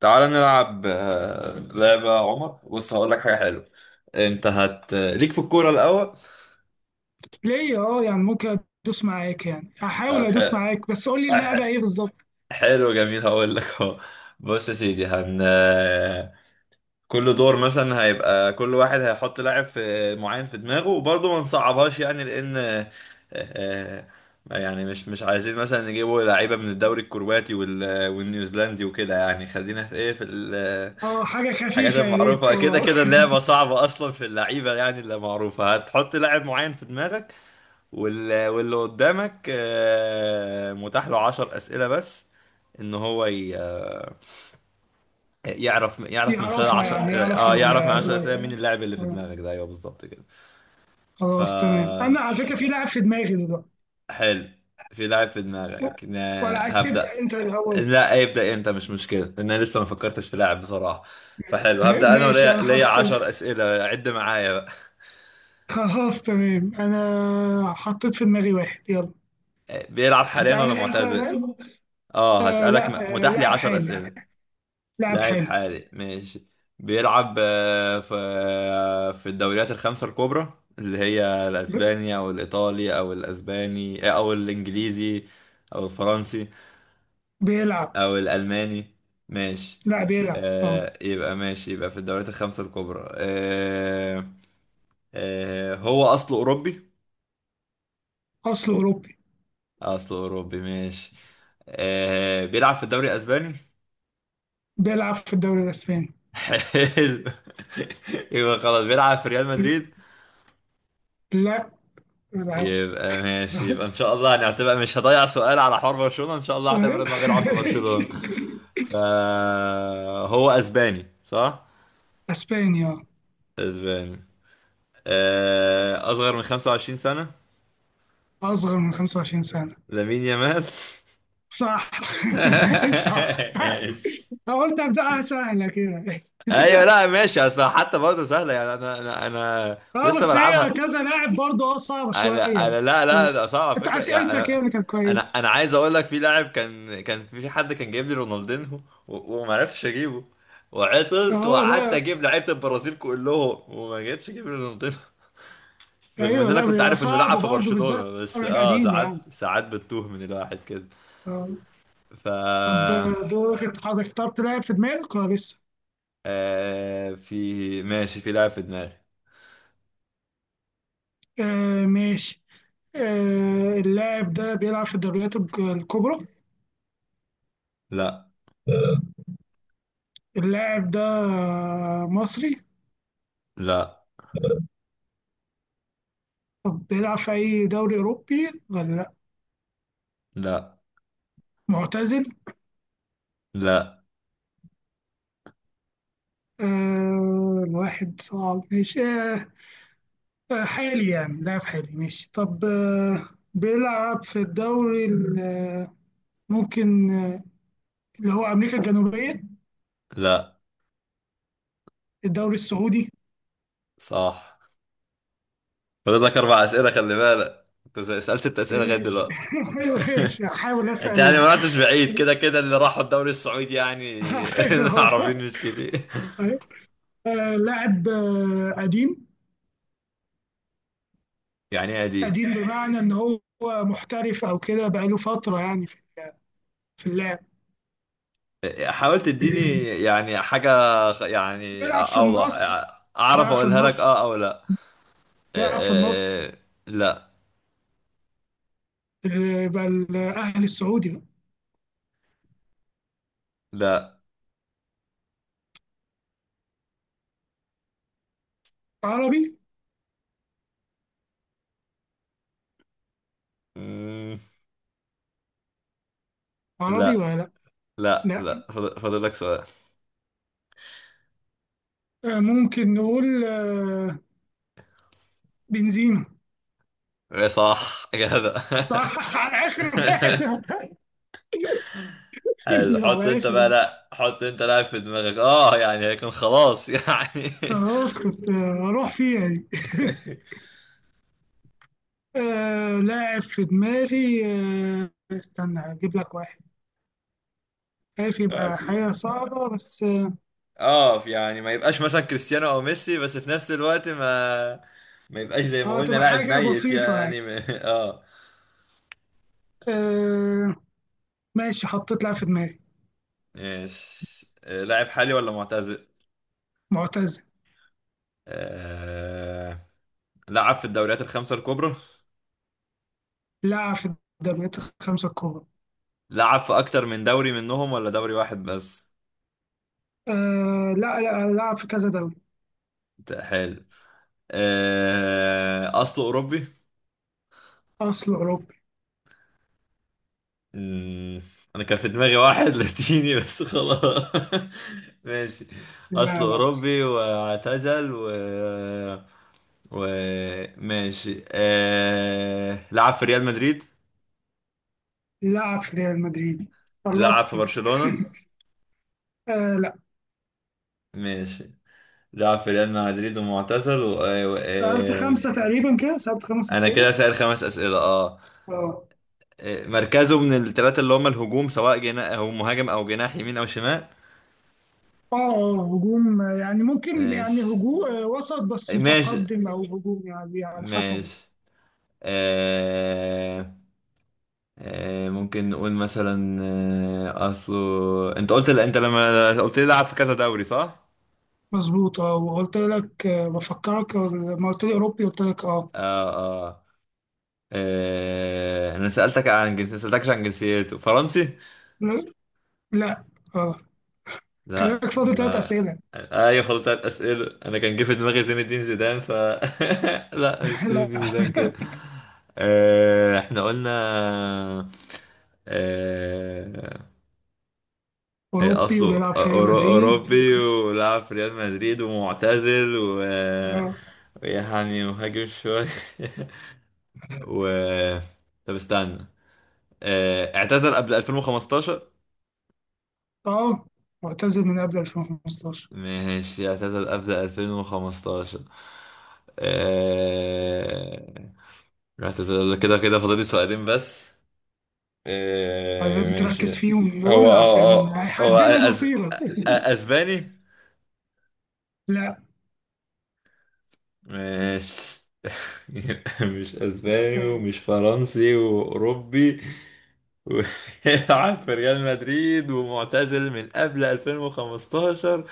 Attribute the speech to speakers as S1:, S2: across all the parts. S1: تعال نلعب لعبة يا عمر. بص، هقول لك حاجة حلوة. انت هت ليك في الكورة الأول.
S2: ليه، اه، يعني ممكن ادوس معاك. يعني هحاول
S1: طب حلو.
S2: ادوس معاك، بس قول لي
S1: حلو.
S2: اللعبه ايه بالظبط.
S1: حلو جميل، هقول لك اهو. بص يا سيدي، هن آه، كل دور مثلا هيبقى كل واحد هيحط لاعب معين في دماغه، وبرضه ما نصعبهاش يعني، لأن آه، يعني مش عايزين مثلا نجيبوا لعيبة من الدوري الكرواتي والنيوزيلندي وكده، يعني خلينا في ايه، في
S2: اه، حاجه
S1: حاجات
S2: خفيفه يا ريت،
S1: معروفة. كده
S2: اه.
S1: كده اللعبة صعبة أصلا في اللعيبة، يعني اللي معروفة هتحط لاعب معين في دماغك. واللي قدامك متاح له 10 أسئلة بس، إن هو يعرف من خلال
S2: يعرفها،
S1: 10.
S2: يعني يعرف
S1: آه يعرف من 10 أسئلة مين
S2: الاجواء.
S1: اللاعب اللي في
S2: آه،
S1: دماغك ده. أيوه بالظبط كده. ف
S2: خلاص تمام، انا على فكره في لعب في دماغي دلوقتي.
S1: حلو، في لاعب في دماغك.
S2: ولا عايز تبدا
S1: هبدأ.
S2: انت الاول؟
S1: لا ابدأ أنت، مش مشكلة، لأن أنا لسه ما فكرتش في لاعب بصراحة. فحلو، هبدأ أنا
S2: ماشي،
S1: وليا،
S2: انا
S1: ليا
S2: حطيت.
S1: 10 أسئلة، عد معايا.
S2: خلاص تمام، انا حطيت في دماغي واحد. يلا،
S1: بيلعب حاليا ولا
S2: هتسألني انت
S1: معتزل؟
S2: بقى؟
S1: اه هسألك،
S2: لا،
S1: متاح لي
S2: لاعب
S1: 10
S2: حالي.
S1: أسئلة.
S2: لاعب
S1: لاعب
S2: حالي.
S1: حالي ماشي. بيلعب في الدوريات الخمسة الكبرى، اللي هي
S2: ب-
S1: الأسباني أو الإيطالي أو الأسباني أو الإنجليزي أو الفرنسي
S2: بيلعب.
S1: أو الألماني. ماشي.
S2: لا، بيلعب، اه.
S1: آه يبقى ماشي، يبقى في الدوريات الخمسة الكبرى. آه آه هو أصله أوروبي.
S2: اصله اوروبي.
S1: أصله أوروبي ماشي. آه بيلعب في الدوري الأسباني.
S2: بيلعب في الدوري الاسباني.
S1: حلو. يبقى خلاص بيلعب في ريال مدريد.
S2: لا، ما بلعبش.
S1: يبقى ماشي، يبقى ان شاء الله هنعتبر، مش هضيع سؤال على حوار برشلونة، ان شاء الله هعتبر انه بيلعب في برشلونة. فهو اسباني صح؟
S2: اسبانيا.
S1: اسباني. اصغر من 25 سنة.
S2: اصغر من 25 سنة.
S1: لامين يامال.
S2: صح. صح. أنا قلت ابداها سهلة كده.
S1: ايوه لا ماشي، اصل حتى برضه سهله يعني، انا كنت
S2: اه
S1: لسه
S2: بس هي
S1: بلعبها.
S2: كذا لاعب برضه، صعبة شوية.
S1: انا
S2: بس
S1: لا لا
S2: بس
S1: ده صعب على
S2: انت
S1: فكره يعني،
S2: اسئلتك هي
S1: انا.
S2: اللي كانت
S1: انا
S2: كويسة.
S1: انا عايز اقول لك في لاعب، كان في حد كان جايب لي رونالدينهو، و- وما عرفتش اجيبه. وعطلت
S2: اه.
S1: وقعدت
S2: لا.
S1: اجيب لعيبه البرازيل كلهم وما جيتش اجيب رونالدينهو، رغم ان
S2: ايوه.
S1: انا
S2: لا،
S1: كنت
S2: بيبقى
S1: عارف انه
S2: صعب
S1: لعب في
S2: برضه، بالذات
S1: برشلونه،
S2: لو
S1: بس
S2: لعيب
S1: اه
S2: قديم
S1: ساعات،
S2: يعني.
S1: ساعات بتوه من الواحد كده.
S2: اه.
S1: ف
S2: طب دورك انت، حضرتك اخترت لاعب في دماغك ولا لسه؟
S1: آه في ماشي، في لاعب في دماغي.
S2: ماشي. اللاعب ده بيلعب في الدوريات الكبرى؟
S1: لا.
S2: اللاعب ده مصري؟
S1: لا.
S2: طب بيلعب في أي دوري أوروبي ولا لأ؟
S1: لا.
S2: معتزل؟
S1: لا.
S2: الواحد صعب، ماشي. حالي يعني، لاعب حالي، ماشي. طب بيلعب في الدوري ممكن، اللي هو أمريكا الجنوبية؟
S1: لا.
S2: الدوري السعودي؟
S1: صح. فاضل لك اربع اسئله، خلي بالك انت سالت ست اسئله لغايه
S2: ايش؟
S1: دلوقتي.
S2: ايوه، ماشي، هحاول
S1: انت يعني
S2: اسال.
S1: ما رحتش بعيد، كده كده اللي راحوا الدوري السعودي يعني.
S2: ايوه.
S1: العربيين مش كتير.
S2: لاعب قديم.
S1: يعني ايه قديم؟
S2: قديم بمعنى إن هو محترف أو كده، بقى له فترة يعني في اللعب.
S1: حاول تديني يعني حاجه، يعني
S2: بيلعب في
S1: اوضح
S2: النصر.
S1: اعرف
S2: بيلعب في
S1: اقولها لك
S2: النصر.
S1: اه او لا.
S2: بيلعب في
S1: آه،
S2: النصر.
S1: آه، لا.
S2: بقى الأهلي السعودي بقى.
S1: لا.
S2: عربي.
S1: مم،
S2: عربي
S1: لا.
S2: ولا لا؟
S1: لا
S2: لا،
S1: لا فاضل فاضل لك سؤال.
S2: ممكن نقول بنزيما.
S1: ايه صح كده.
S2: صح. على آخر واحد.
S1: حلو. حط
S2: على
S1: انت
S2: آخر
S1: بقى.
S2: واحد.
S1: لا حط انت لاعب في دماغك، اه يعني لكن خلاص يعني.
S2: خلاص كنت أروح فيها يعني. لاعب في دماغي. استنى أجيب لك واحد، عارف، يبقى
S1: يعني-
S2: حاجة صعبة. بس
S1: اه يعني ما يبقاش مثلا كريستيانو او ميسي، بس في نفس الوقت ما يبقاش زي ما
S2: اه
S1: قلنا
S2: تبقى
S1: لاعب
S2: حاجة
S1: ميت
S2: بسيطة
S1: يعني
S2: يعني.
S1: اه.
S2: آه ماشي، حطيت لاعب في دماغي.
S1: ماشي لاعب حالي ولا معتزل؟
S2: معتزل.
S1: آه... لعب في الدوريات الخمسة الكبرى.
S2: لاعب في الدوريات الخمسة الكبرى.
S1: لعب في اكتر من دوري منهم ولا دوري واحد بس؟
S2: لا لا، لاعب في كذا دوري.
S1: حلو. اصله اوروبي.
S2: أصل أوروبي.
S1: مم. انا كان في دماغي واحد لاتيني بس خلاص. ماشي،
S2: لا.
S1: اصله
S2: لا،
S1: اوروبي واعتزل و ماشي. لعب في ريال مدريد.
S2: لاعب في ريال مدريد.
S1: لعب في
S2: قربت.
S1: برشلونة.
S2: لا.
S1: ماشي. لعب في ريال مدريد ومعتزل
S2: سألت خمسة تقريبا كده، سألت خمسة
S1: انا كده
S2: أسئلة.
S1: سائل خمس اسئلة اه.
S2: اه
S1: مركزه من الثلاثة اللي هم الهجوم، سواء جناح او مهاجم او جناح يمين او شمال.
S2: اه، هجوم، يعني ممكن يعني
S1: ماشي.
S2: هجوم وسط بس
S1: ماشي.
S2: متقدم، أو هجوم يعني، على حسب.
S1: ماشي. آه. آه ممكن نقول مثلا، آه اصله، انت قلت، انت لما قلت لي لعب في كذا دوري صح؟
S2: مظبوط، اه. وقلت لك، بفكرك، لما قلت لي أوروبي قلت لك اه.
S1: آه آه, انا سألتك عن جنسيته، سألتكش عن جنسيته، فرنسي؟
S2: لا. اه. خلي
S1: لا
S2: بالك، فاضل ثلاث
S1: ما.
S2: اسئله.
S1: ايوه خلطت اسئله. انا كان جه في دماغي زين الدين زيدان، ف لا مش زين
S2: لا،
S1: الدين زيدان كده. آه احنا قلنا آه إيه
S2: اوروبي
S1: اصله
S2: وبيلعب في ريال مدريد
S1: اوروبي ولعب في ريال مدريد ومعتزل و
S2: اه.
S1: يعني مهاجم شوية. و طب استنى، اعتزل قبل 2015.
S2: اه، معتزل من قبل 2015.
S1: ماشي اعتزل قبل 2015. آه، اعتزل قبل كده. كده فاضل لي سؤالين بس.
S2: لازم
S1: ماشي.
S2: تركز فيهم
S1: هو
S2: دول
S1: اه
S2: عشان
S1: اه هو
S2: هيحددوا
S1: أ-
S2: مصيرك.
S1: اسباني؟
S2: لا.
S1: ماشي. يبقى مش اسباني
S2: اسباني.
S1: ومش فرنسي، واوروبي وبيلعب في ريال مدريد ومعتزل من قبل 2015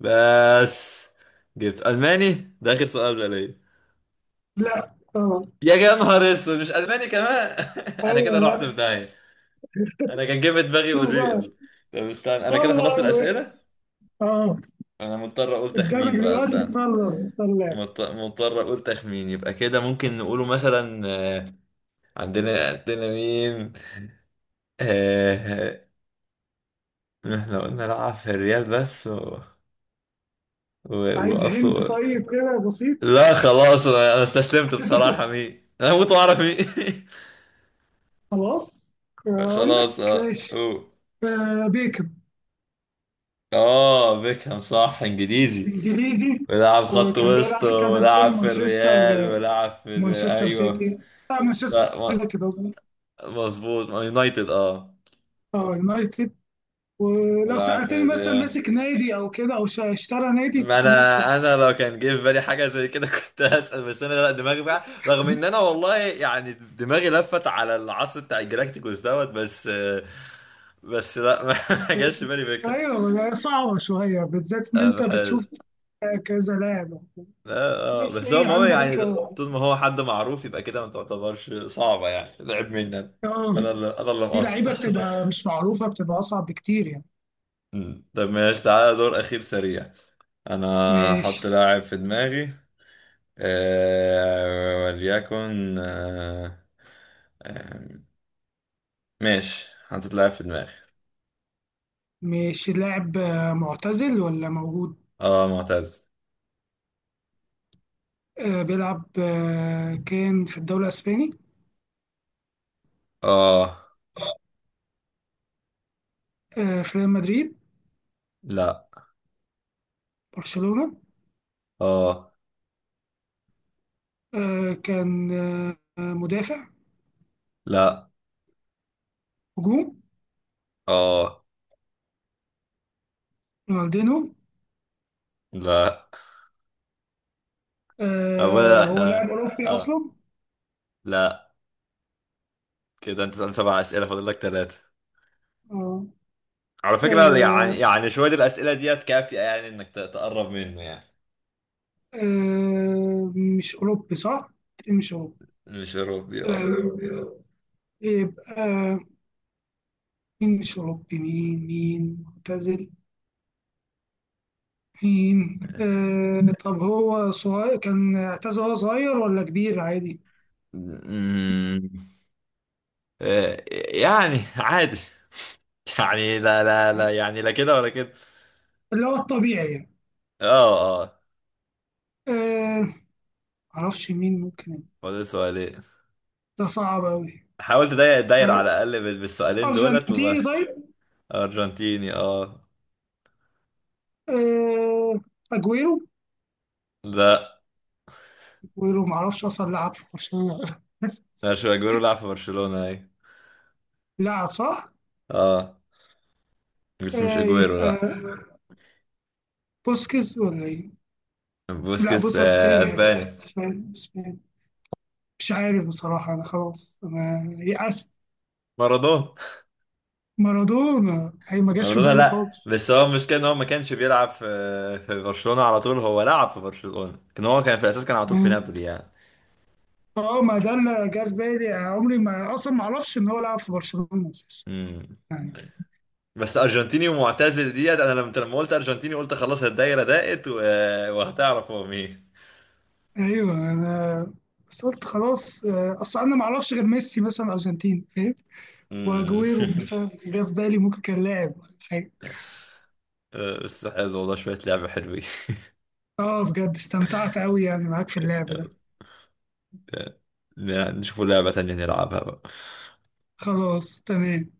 S1: بس. جبت الماني ده اخر سؤال بقى ليا.
S2: لا. اه.
S1: يا يا نهار اسود، مش الماني كمان. انا كده
S2: ايوه. لا.
S1: رحت في داهيه. انا كان جاي في دماغي
S2: شوف بقى.
S1: اوزيل. طب استنى انا كده خلصت
S2: قرر.
S1: الاسئله.
S2: اه
S1: انا مضطر اقول
S2: قدامك
S1: تخمين بقى،
S2: دلوقتي
S1: استنى.
S2: تقرر تختار لاعب.
S1: مضطر اقول تخمين، يبقى كده ممكن نقوله مثلا عندنا، عندنا مين؟ آه آه، احنا قلنا العب في الريال بس و...
S2: عايز هنت؟
S1: واصله.
S2: طيب كده بسيط.
S1: لا خلاص انا، أنا استسلمت بصراحة، مين؟ انا هموت واعرف مين.
S2: خلاص، اقول لك
S1: خلاص اه
S2: ماشي.
S1: أوه.
S2: بيكم.
S1: اه بيكهام، صح انجليزي،
S2: انجليزي.
S1: ولعب خط
S2: وكان
S1: وسط،
S2: بيلعب في كذا دوري،
S1: ولعب في
S2: مانشستر
S1: الريال، ولعب في
S2: مانشستر
S1: ايوه.
S2: سيتي، مانشستر
S1: لا
S2: يونايتد قصدي.
S1: مظبوط ما يونايتد اه.
S2: اه، يونايتد. ولو
S1: ولعب في
S2: سألتني مثلا
S1: الريال.
S2: ماسك نادي او كده، او اشترى نادي،
S1: ما
S2: كنت ممكن.
S1: انا، انا لو كان جه في بالي حاجه زي كده كنت هسال، بس انا لا دماغي بقى، رغم ان انا والله يعني دماغي لفت على العصر بتاع الجلاكتيكوس دوت، بس. بس لا ما جاش في بالي فكره.
S2: ايوه، صعبة شوية، بالذات ان انت بتشوف
S1: حلو.
S2: كذا لاعب. ماشي،
S1: بس هو
S2: ايه
S1: المهم
S2: عندك؟
S1: يعني طول ما هو حد معروف، يبقى كده ما تعتبرش صعبه. يعني لعب مني انا،
S2: اه،
S1: انا اللي
S2: في لعيبة
S1: مقصر.
S2: بتبقى مش معروفة، بتبقى اصعب بكتير يعني.
S1: مم. طب ماشي، تعالى دور اخير سريع. انا هحط
S2: مش
S1: لاعب في دماغي، وليكن آه، ماشي حطيت لاعب في دماغي.
S2: مش اللاعب معتزل ولا موجود؟
S1: اه معتز.
S2: بيلعب، كان في الدوري الإسباني؟
S1: اه.
S2: في ريال مدريد؟
S1: لا.
S2: برشلونة؟
S1: اه.
S2: كان مدافع؟
S1: لا.
S2: هجوم؟
S1: اه.
S2: رونالدينو؟
S1: لا. اولا
S2: هو
S1: احنا
S2: لاعب أوروبي
S1: اه.
S2: أصلا؟
S1: لا كده، انت سألت سبع اسئله، فاضل لك ثلاثه
S2: آه،
S1: على فكره، يعني
S2: آه،
S1: يعني شويه الاسئله ديت كافيه يعني انك تقرب منه يعني.
S2: آه، مش أوروبي صح؟ مش أوروبي.
S1: مش اوروبي اه.
S2: آه، يبقى مين مش أوروبي، مين معتزل؟ مين؟ طب هو صغير، كان اعتزل وهو صغير ولا كبير عادي؟
S1: أمم، آه، يعني عادي. يعني لا لا لا، يعني لا كده ولا كده.
S2: اللي هو الطبيعي يعني.
S1: اه اه.
S2: آه معرفش مين ممكن،
S1: فاضل سؤالين.
S2: ده صعب أوي.
S1: حاولت اضيق الدايرة على
S2: آه
S1: الأقل بالسؤالين دولت
S2: أرجنتيني
S1: وبقى.
S2: طيب؟
S1: أرجنتيني اه.
S2: آه أجويرو؟
S1: لا
S2: أجويرو معرفش أصلا لعب في برشلونة ولا لا.
S1: مش اجويرو، لعب في برشلونة اي.
S2: لعب صح؟
S1: اه بس مش اجويرو
S2: يبقى
S1: لا.
S2: بوسكيز ولا إيه؟ لا،
S1: بوسكيتس
S2: بص، اسباني
S1: اسباني.
S2: اسباني اسباني. مش عارف بصراحة، أنا خلاص، أنا يأست.
S1: مارادونا.
S2: مارادونا هي ما جاش في
S1: مارادونا
S2: بالي
S1: لا،
S2: خالص.
S1: بس هو المشكلة ان هو ما كانش بيلعب في برشلونة على طول، هو لعب في برشلونة، كان هو كان في الأساس كان على طول في
S2: مم.
S1: نابولي يعني.
S2: اه، ما ده اللي جه في بالي. عمري ما، أصلا ما أعرفش إن هو لعب في برشلونة أساسا
S1: امم.
S2: يعني.
S1: بس أرجنتيني ومعتزل ديت، أنا لما، قلت أرجنتيني قلت خلاص الدايرة ضاقت وهتعرف هو مين.
S2: ايوه انا، بس قلت خلاص، اصل انا ما اعرفش غير ميسي مثلا ارجنتين، فاهم.
S1: امم.
S2: واجويرو مثلا جه في بالي، ممكن كان لاعب ولا حاجه.
S1: بس حلو والله، شوية لعبة حلوين.
S2: اه، بجد استمتعت قوي يعني معاك في اللعب
S1: يلا،
S2: ده.
S1: نشوفوا لعبة تانية نلعبها بقى.
S2: خلاص تمام.